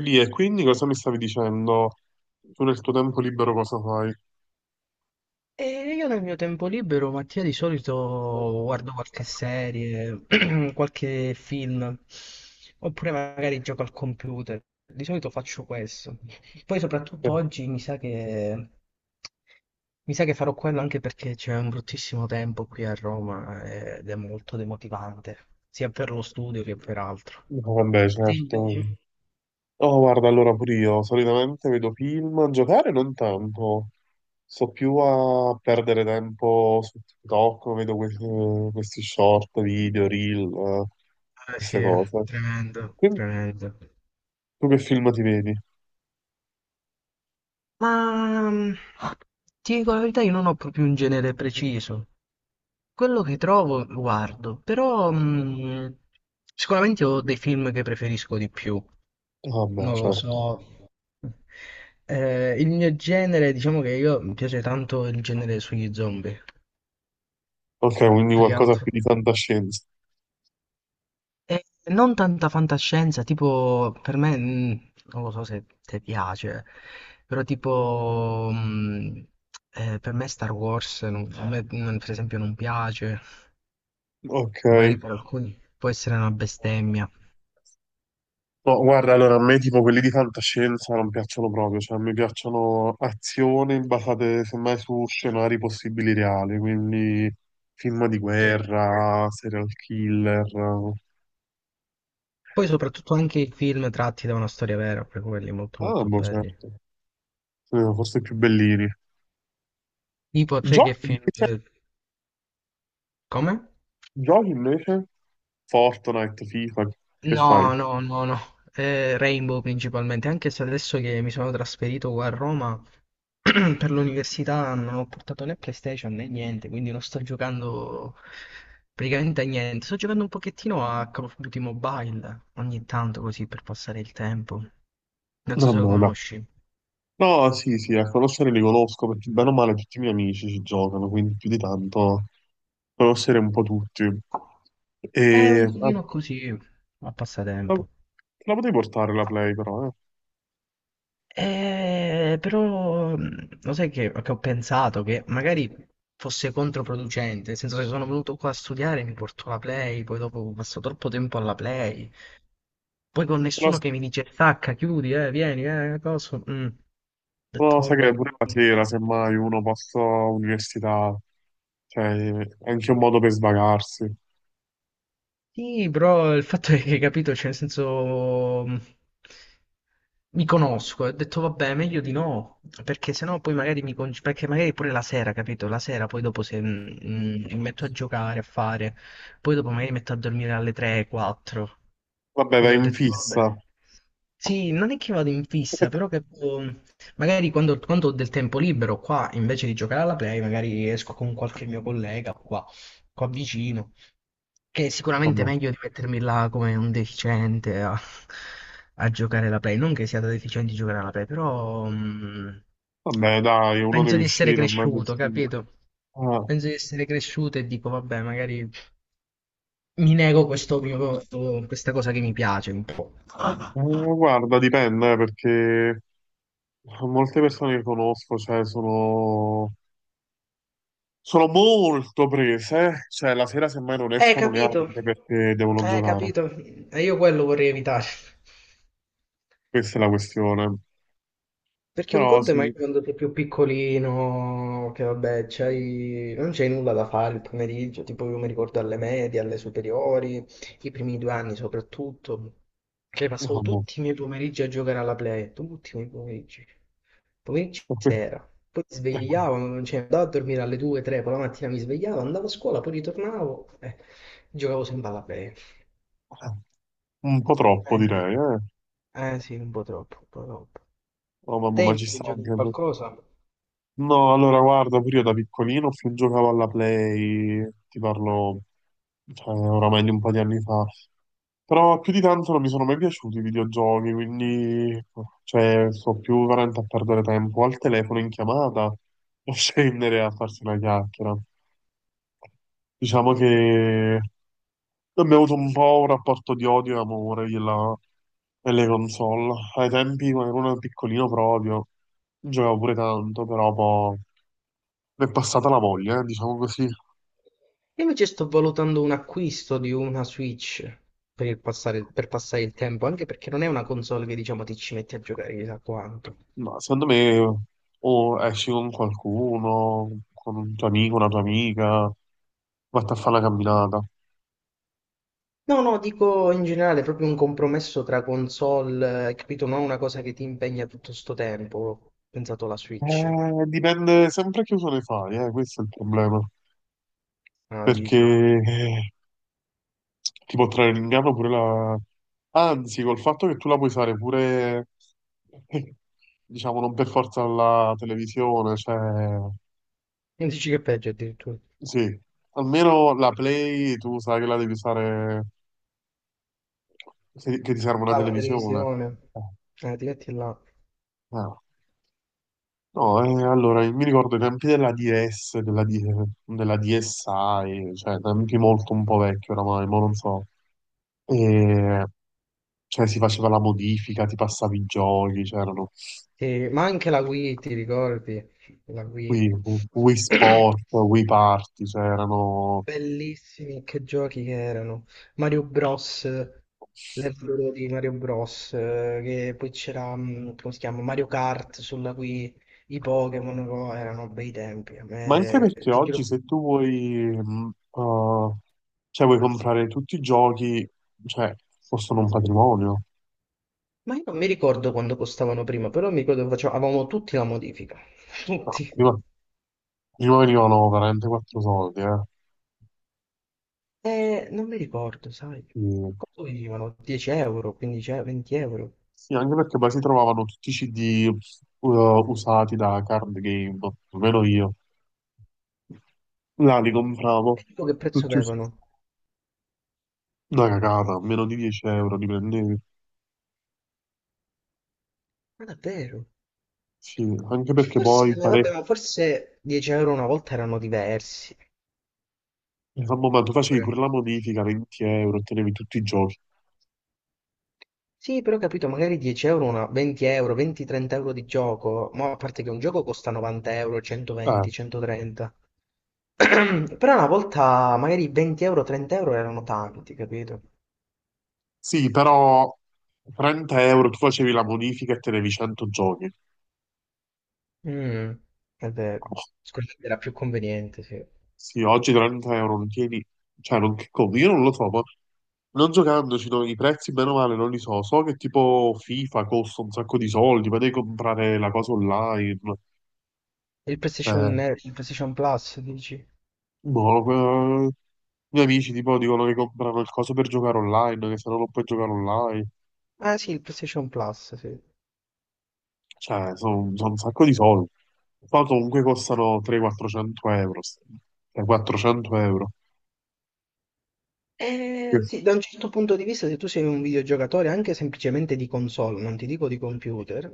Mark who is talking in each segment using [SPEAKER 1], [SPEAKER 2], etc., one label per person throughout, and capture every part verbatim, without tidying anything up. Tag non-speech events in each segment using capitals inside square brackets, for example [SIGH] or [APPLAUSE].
[SPEAKER 1] Lì e quindi cosa mi stavi dicendo? Tu nel tuo tempo libero cosa fai?
[SPEAKER 2] E io nel mio tempo libero, Mattia, di solito guardo qualche serie, [CLEARS THROAT] qualche film, oppure magari gioco al computer. Di solito faccio questo. Poi
[SPEAKER 1] Eh.
[SPEAKER 2] soprattutto oggi mi sa che, mi sa che farò quello anche perché c'è un bruttissimo tempo qui a Roma eh, ed è molto demotivante, sia per lo studio che per altro.
[SPEAKER 1] No, vabbè,
[SPEAKER 2] Sì,
[SPEAKER 1] certo.
[SPEAKER 2] invece?
[SPEAKER 1] Oh, guarda, allora pure io solitamente vedo film, giocare non tanto. Sto più a perdere tempo su TikTok, vedo questi, questi short, video, reel, eh,
[SPEAKER 2] Eh sì,
[SPEAKER 1] queste cose.
[SPEAKER 2] tremendo,
[SPEAKER 1] Quindi,
[SPEAKER 2] tremendo.
[SPEAKER 1] tu che film ti vedi?
[SPEAKER 2] Ma, mhmm, ti dico la verità, io non ho proprio un genere preciso. Quello che trovo lo guardo, però, mhmm, sicuramente ho dei film che preferisco di più,
[SPEAKER 1] Ah, vabbè,
[SPEAKER 2] non lo
[SPEAKER 1] certo.
[SPEAKER 2] so. Eh, il mio genere, diciamo che io mi piace tanto il genere sugli zombie,
[SPEAKER 1] Ok, quindi
[SPEAKER 2] più che
[SPEAKER 1] qualcosa più
[SPEAKER 2] altro.
[SPEAKER 1] di fantascienza.
[SPEAKER 2] Eh, Non tanta fantascienza, tipo per me, mh, non lo so se ti piace, però tipo mh, eh, per me Star Wars, non- a me, non- per esempio, non piace,
[SPEAKER 1] Ok.
[SPEAKER 2] magari per alcuni può essere una bestemmia.
[SPEAKER 1] No, guarda, allora a me tipo quelli di fantascienza non piacciono proprio, cioè mi piacciono azioni basate semmai su scenari possibili reali, quindi film di
[SPEAKER 2] Sì.
[SPEAKER 1] guerra, serial killer.
[SPEAKER 2] Poi soprattutto anche i film tratti da una storia vera, per quelli molto
[SPEAKER 1] Ah,
[SPEAKER 2] molto
[SPEAKER 1] boh,
[SPEAKER 2] belli.
[SPEAKER 1] certo. Sì, forse più bellini.
[SPEAKER 2] Tipo, a te che
[SPEAKER 1] Giochi
[SPEAKER 2] film?
[SPEAKER 1] invece,
[SPEAKER 2] eh, Come?
[SPEAKER 1] giochi invece, Fortnite, FIFA, che fai?
[SPEAKER 2] No, no, no, no. Eh, Rainbow principalmente, anche se adesso che mi sono trasferito qua a Roma [CLEARS THROAT] per l'università non ho portato né PlayStation né niente, quindi non sto giocando praticamente a niente. Sto giocando un pochettino a Call of Duty Mobile ogni tanto così per passare il tempo. Non so
[SPEAKER 1] No,
[SPEAKER 2] se lo
[SPEAKER 1] no, no.
[SPEAKER 2] conosci.
[SPEAKER 1] No, sì, sì, a conoscere li conosco perché bene o male tutti i miei amici ci giocano, quindi più di tanto conoscere un po' tutti.
[SPEAKER 2] È un
[SPEAKER 1] E, vabbè,
[SPEAKER 2] giochino così, a
[SPEAKER 1] La,
[SPEAKER 2] passatempo.
[SPEAKER 1] te la potevi portare la Play però, eh.
[SPEAKER 2] Eh, però mh, lo sai che, che ho pensato che magari fosse controproducente, nel senso che sono venuto qua a studiare, mi porto la Play, poi dopo passo troppo tempo alla Play, poi con
[SPEAKER 1] Però,
[SPEAKER 2] nessuno che mi dice stacca, chiudi, eh, vieni, eh, cosa. mm. Ho
[SPEAKER 1] però
[SPEAKER 2] detto
[SPEAKER 1] sai che
[SPEAKER 2] vabbè.
[SPEAKER 1] pure la sera, semmai uno posso università, cioè è anche un modo per svagarsi.
[SPEAKER 2] Sì, però il fatto è che, capito, cioè, nel senso, mh, mi conosco, e ho detto, vabbè, meglio di no, perché sennò poi magari mi, con- perché magari pure la sera, capito, la sera poi dopo se mh, mh, mi metto a giocare, a fare, poi dopo magari mi metto a dormire alle tre, quattro,
[SPEAKER 1] Vabbè,
[SPEAKER 2] quindi
[SPEAKER 1] vai
[SPEAKER 2] ho
[SPEAKER 1] in
[SPEAKER 2] detto, vabbè.
[SPEAKER 1] fissa.
[SPEAKER 2] Sì, non è che vado in fissa, però che, um, magari quando, quando ho del tempo libero qua, invece di giocare alla play, magari esco con qualche mio collega qua, qua vicino. Che è sicuramente
[SPEAKER 1] Vabbè,
[SPEAKER 2] meglio di mettermi là come un deficiente a, a giocare alla Play. Non che sia da deficienti giocare alla Play, però mh,
[SPEAKER 1] Vabbè, dai, uno
[SPEAKER 2] penso
[SPEAKER 1] deve
[SPEAKER 2] di essere
[SPEAKER 1] uscire, è meglio
[SPEAKER 2] cresciuto,
[SPEAKER 1] uscire.
[SPEAKER 2] capito?
[SPEAKER 1] Ah,
[SPEAKER 2] Penso di essere cresciuto e dico, vabbè, magari mi nego questo mio, questo- questa cosa che mi piace un po'.
[SPEAKER 1] eh, guarda, dipende, eh, perché molte persone che conosco, cioè, sono, sono molto prese, eh. Cioè la sera semmai non
[SPEAKER 2] Eh,
[SPEAKER 1] escono
[SPEAKER 2] capito.
[SPEAKER 1] neanche perché devono
[SPEAKER 2] Eh,
[SPEAKER 1] giocare.
[SPEAKER 2] capito. E io quello vorrei evitare.
[SPEAKER 1] Questa è la questione.
[SPEAKER 2] Perché un
[SPEAKER 1] Però
[SPEAKER 2] conto è
[SPEAKER 1] sì,
[SPEAKER 2] magari quando sei più piccolino, che vabbè, c'hai- non c'hai nulla da fare il pomeriggio, tipo io mi ricordo alle medie, alle superiori, i primi due anni soprattutto, che
[SPEAKER 1] no,
[SPEAKER 2] passavo
[SPEAKER 1] boh.
[SPEAKER 2] tutti i miei pomeriggi a giocare alla Play, tutti i miei pomeriggi, pomeriggi di sera, poi mi svegliavo, cioè andavo a dormire alle due, tre, poi la mattina mi svegliavo, andavo a scuola, poi ritornavo, e giocavo sempre alla Play.
[SPEAKER 1] [LAUGHS] Un po' troppo
[SPEAKER 2] Eh sì,
[SPEAKER 1] direi, eh.
[SPEAKER 2] eh sì, un po' troppo, un po' troppo.
[SPEAKER 1] Oh mamma,
[SPEAKER 2] Te
[SPEAKER 1] ma ci
[SPEAKER 2] invece
[SPEAKER 1] sta
[SPEAKER 2] giochi a
[SPEAKER 1] anche... per-
[SPEAKER 2] qualcosa?
[SPEAKER 1] No, allora guarda, pure io da piccolino più giocavo alla Play, ti parlo, cioè, oramai di un po' di anni fa. Però più di tanto non mi sono mai piaciuti i videogiochi, quindi cioè, sto più veramente a perdere tempo al telefono in chiamata o [LAUGHS] scendere a farsi una chiacchiera. Diciamo
[SPEAKER 2] Eh,
[SPEAKER 1] che abbiamo avuto un po' un rapporto di odio e amore della- delle console. Ai tempi, quando ero uno piccolino proprio, giocavo pure tanto, però poi mi è passata la voglia, eh, diciamo così.
[SPEAKER 2] Io invece sto valutando un acquisto di una Switch per il passare, per passare il tempo, anche perché non è una console che diciamo ti ci metti a giocare chissà quanto.
[SPEAKER 1] Ma secondo me o esci con qualcuno, con un tuo amico, una tua amica, vatti a fare una camminata.
[SPEAKER 2] No, no, dico in generale, proprio un compromesso tra console, eh, capito? Non una cosa che ti impegna tutto sto tempo. Ho pensato alla Switch.
[SPEAKER 1] Eh, dipende sempre che uso ne fai, eh, questo è il problema.
[SPEAKER 2] Ah,
[SPEAKER 1] Perché
[SPEAKER 2] dici. E
[SPEAKER 1] eh, ti può trarre in inganno pure la, Anzi, col fatto che tu la puoi usare pure, [LAUGHS] diciamo, non per forza la televisione, cioè,
[SPEAKER 2] dici che è peggio addirittura.
[SPEAKER 1] sì, almeno la Play tu sai che la devi usare, se- che ti serve una
[SPEAKER 2] Ah, la
[SPEAKER 1] televisione.
[SPEAKER 2] televisione.
[SPEAKER 1] Eh,
[SPEAKER 2] Eh, ti metti là.
[SPEAKER 1] eh. No, eh, allora, mi ricordo i tempi della D S, della, D- della D S i, cioè, tempi molto un po' vecchi oramai, ma non so. E, cioè, si faceva la modifica, ti passavi i giochi, c'erano.
[SPEAKER 2] Sì, ma anche la Wii, ti ricordi? La Wii.
[SPEAKER 1] Wii. Wii
[SPEAKER 2] [CLEARS THROAT]
[SPEAKER 1] Sport,
[SPEAKER 2] [COUGHS]
[SPEAKER 1] Wii Party, cioè erano.
[SPEAKER 2] Bellissimi, che giochi che erano. Mario Bros, l'euro di Mario Bros, eh, che poi c'era, mh, come si chiama, Mario Kart sulla Wii, i Pokémon, oh, erano bei tempi. A
[SPEAKER 1] Ma anche
[SPEAKER 2] me,
[SPEAKER 1] perché
[SPEAKER 2] ti
[SPEAKER 1] oggi
[SPEAKER 2] giuro,
[SPEAKER 1] se tu vuoi, mh, eh, cioè vuoi comprare tutti i giochi, cioè costano un patrimonio.
[SPEAKER 2] ma io non mi ricordo quando costavano prima, però mi ricordo che facevamo- avevamo tutti la modifica, [LAUGHS]
[SPEAKER 1] No,
[SPEAKER 2] tutti.
[SPEAKER 1] prima, prima venivano veramente quattro soldi, eh.
[SPEAKER 2] E non mi ricordo, sai,
[SPEAKER 1] Sì.
[SPEAKER 2] quanto venivano? dieci euro, quindici euro, venti euro.
[SPEAKER 1] Sì, anche perché poi si trovavano tutti i C D eh, usati da card game, almeno io. Là li compravo.
[SPEAKER 2] E dico che prezzo
[SPEAKER 1] Tutti us-
[SPEAKER 2] avevano?
[SPEAKER 1] Una cagata, meno di dieci euro li prendevi.
[SPEAKER 2] Ma davvero?
[SPEAKER 1] Sì, anche
[SPEAKER 2] Che
[SPEAKER 1] perché
[SPEAKER 2] forse,
[SPEAKER 1] poi
[SPEAKER 2] ma
[SPEAKER 1] pare.
[SPEAKER 2] vabbè, ma forse dieci euro una volta erano diversi.
[SPEAKER 1] A momento facevi pure
[SPEAKER 2] Oppure-
[SPEAKER 1] la modifica, venti euro, ottenevi tutti i giochi.
[SPEAKER 2] Sì, però ho capito, magari dieci euro, una, venti euro, venti-trenta euro di gioco. Ma a parte che un gioco costa novanta euro,
[SPEAKER 1] Eh,
[SPEAKER 2] centoventi, centotrenta. [CLEARS THROAT] Però una volta magari venti euro, trenta euro erano tanti, capito?
[SPEAKER 1] sì, però trenta euro tu facevi la modifica e tenevi cento giochi.
[SPEAKER 2] Mm, è vero.
[SPEAKER 1] Oh,
[SPEAKER 2] Sicuramente era più conveniente, sì.
[SPEAKER 1] sì, oggi trenta euro non tieni. Cioè, non che conto, io non lo so, ma non giocandoci no, i prezzi, bene o male, non li so. So che tipo FIFA costa un sacco di soldi, ma devi comprare la cosa online.
[SPEAKER 2] Il PlayStation,
[SPEAKER 1] Cioè,
[SPEAKER 2] eh, il PlayStation Plus, dici?
[SPEAKER 1] boh, eh, i miei amici tipo dicono che comprano il coso per giocare online, che se no non puoi giocare online.
[SPEAKER 2] Ah sì, il PlayStation Plus, sì.
[SPEAKER 1] Cioè, sono un sacco di soldi. Poi comunque costano trecento-quattrocento euro. st- cioè, quattrocento euro.
[SPEAKER 2] Eh,
[SPEAKER 1] Che-
[SPEAKER 2] sì, da un certo punto di vista, se tu sei un videogiocatore anche semplicemente di console, non ti dico di computer,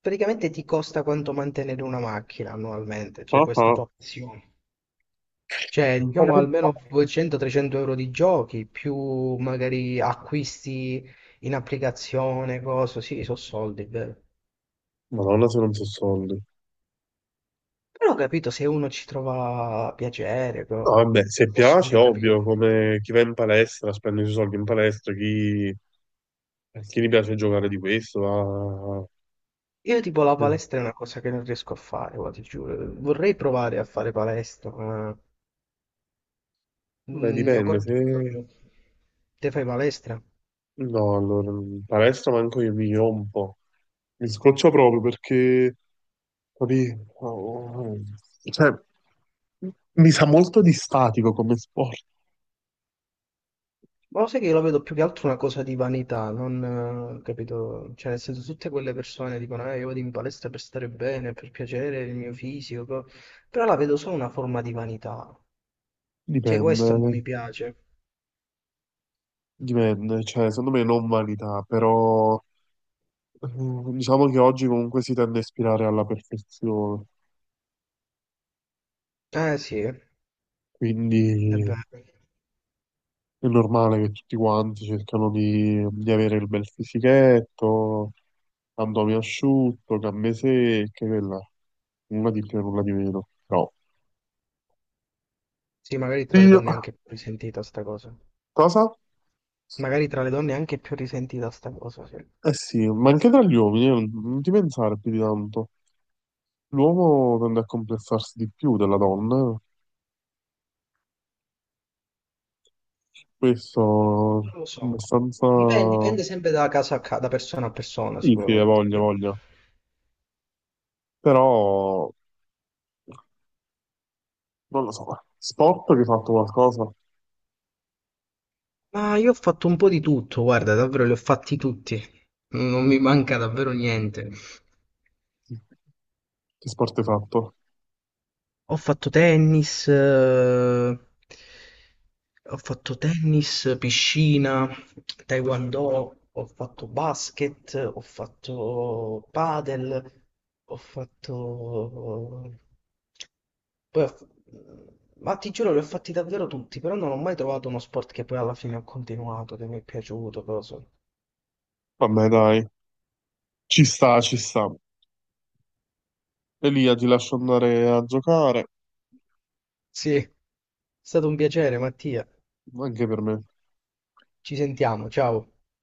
[SPEAKER 2] praticamente ti costa quanto mantenere una macchina annualmente, cioè
[SPEAKER 1] Ah,
[SPEAKER 2] questa
[SPEAKER 1] ah.
[SPEAKER 2] tua passione. Cioè, diciamo almeno duecento-trecento euro di giochi, più magari acquisti in applicazione, cose, sì, sono soldi, è vero.
[SPEAKER 1] Madonna, se non so soldi.
[SPEAKER 2] Però ho capito, se uno ci trova piacere,
[SPEAKER 1] No,
[SPEAKER 2] co-
[SPEAKER 1] vabbè, se
[SPEAKER 2] posso
[SPEAKER 1] piace,
[SPEAKER 2] anche
[SPEAKER 1] ovvio,
[SPEAKER 2] capire.
[SPEAKER 1] come chi va in palestra spende i suoi soldi in palestra, chi, chi gli piace giocare di questo, va.
[SPEAKER 2] Io tipo la
[SPEAKER 1] Eh,
[SPEAKER 2] palestra è una cosa che non riesco a fare, guarda, ti giuro. Vorrei provare a fare palestra, ma il
[SPEAKER 1] beh,
[SPEAKER 2] mio
[SPEAKER 1] dipende,
[SPEAKER 2] corpo
[SPEAKER 1] se.
[SPEAKER 2] non fa più. Te fai palestra?
[SPEAKER 1] No, allora, in palestra manco io mi rompo. Mi scoccio proprio perché, capì? Oh, cioè, mi sa molto di statico come sport.
[SPEAKER 2] Ma lo sai che io la vedo più che altro una cosa di vanità, non eh, capito? Cioè, nel senso, tutte quelle persone dicono, eh, io vado in palestra per stare bene, per piacere il mio fisico, co-". però la vedo solo una forma di vanità. Cioè,
[SPEAKER 1] Dipende,
[SPEAKER 2] questo non mi piace.
[SPEAKER 1] dipende. Cioè, secondo me non vanità, però eh, diciamo che oggi comunque si tende a ispirare alla perfezione.
[SPEAKER 2] Eh sì, è
[SPEAKER 1] Quindi
[SPEAKER 2] vero.
[SPEAKER 1] è normale che tutti quanti cercano di, di avere il bel fisichetto, abdomen asciutto, gambe secche, quella. Nulla di più, nulla di meno. Però
[SPEAKER 2] Sì, magari tra le
[SPEAKER 1] io,
[SPEAKER 2] donne è anche più risentita sta cosa.
[SPEAKER 1] cosa?
[SPEAKER 2] Magari tra le donne è anche più risentita sta cosa, sì.
[SPEAKER 1] Eh sì, ma anche tra gli uomini, eh, non ti pensare più di tanto. L'uomo tende a complessarsi di più della donna, eh. Questo
[SPEAKER 2] Non lo
[SPEAKER 1] è
[SPEAKER 2] so, dipende,
[SPEAKER 1] abbastanza.
[SPEAKER 2] dipende sempre da casa a casa, da persona a persona
[SPEAKER 1] Sì, sì, ha
[SPEAKER 2] sicuramente.
[SPEAKER 1] voglia,
[SPEAKER 2] Sì.
[SPEAKER 1] ha voglia. Però, non lo so, sport che hai fatto qualcosa?
[SPEAKER 2] Ma io ho fatto un po' di tutto, guarda, davvero li ho fatti tutti. Non mi manca davvero niente.
[SPEAKER 1] Che sport hai fatto?
[SPEAKER 2] Ho fatto tennis, eh, ho fatto tennis, piscina, taekwondo, ho fatto basket, ho fatto padel, ho fatto... Poi ho f- Ma ti giuro, li ho fatti davvero tutti, però non ho mai trovato uno sport che poi alla fine ho continuato, che mi è piaciuto, cosa.
[SPEAKER 1] Vabbè, dai. Ci sta, ci sta. Elia, ti lascio andare a giocare,
[SPEAKER 2] Sì, è stato un piacere, Mattia.
[SPEAKER 1] anche per me.
[SPEAKER 2] Ci sentiamo, ciao.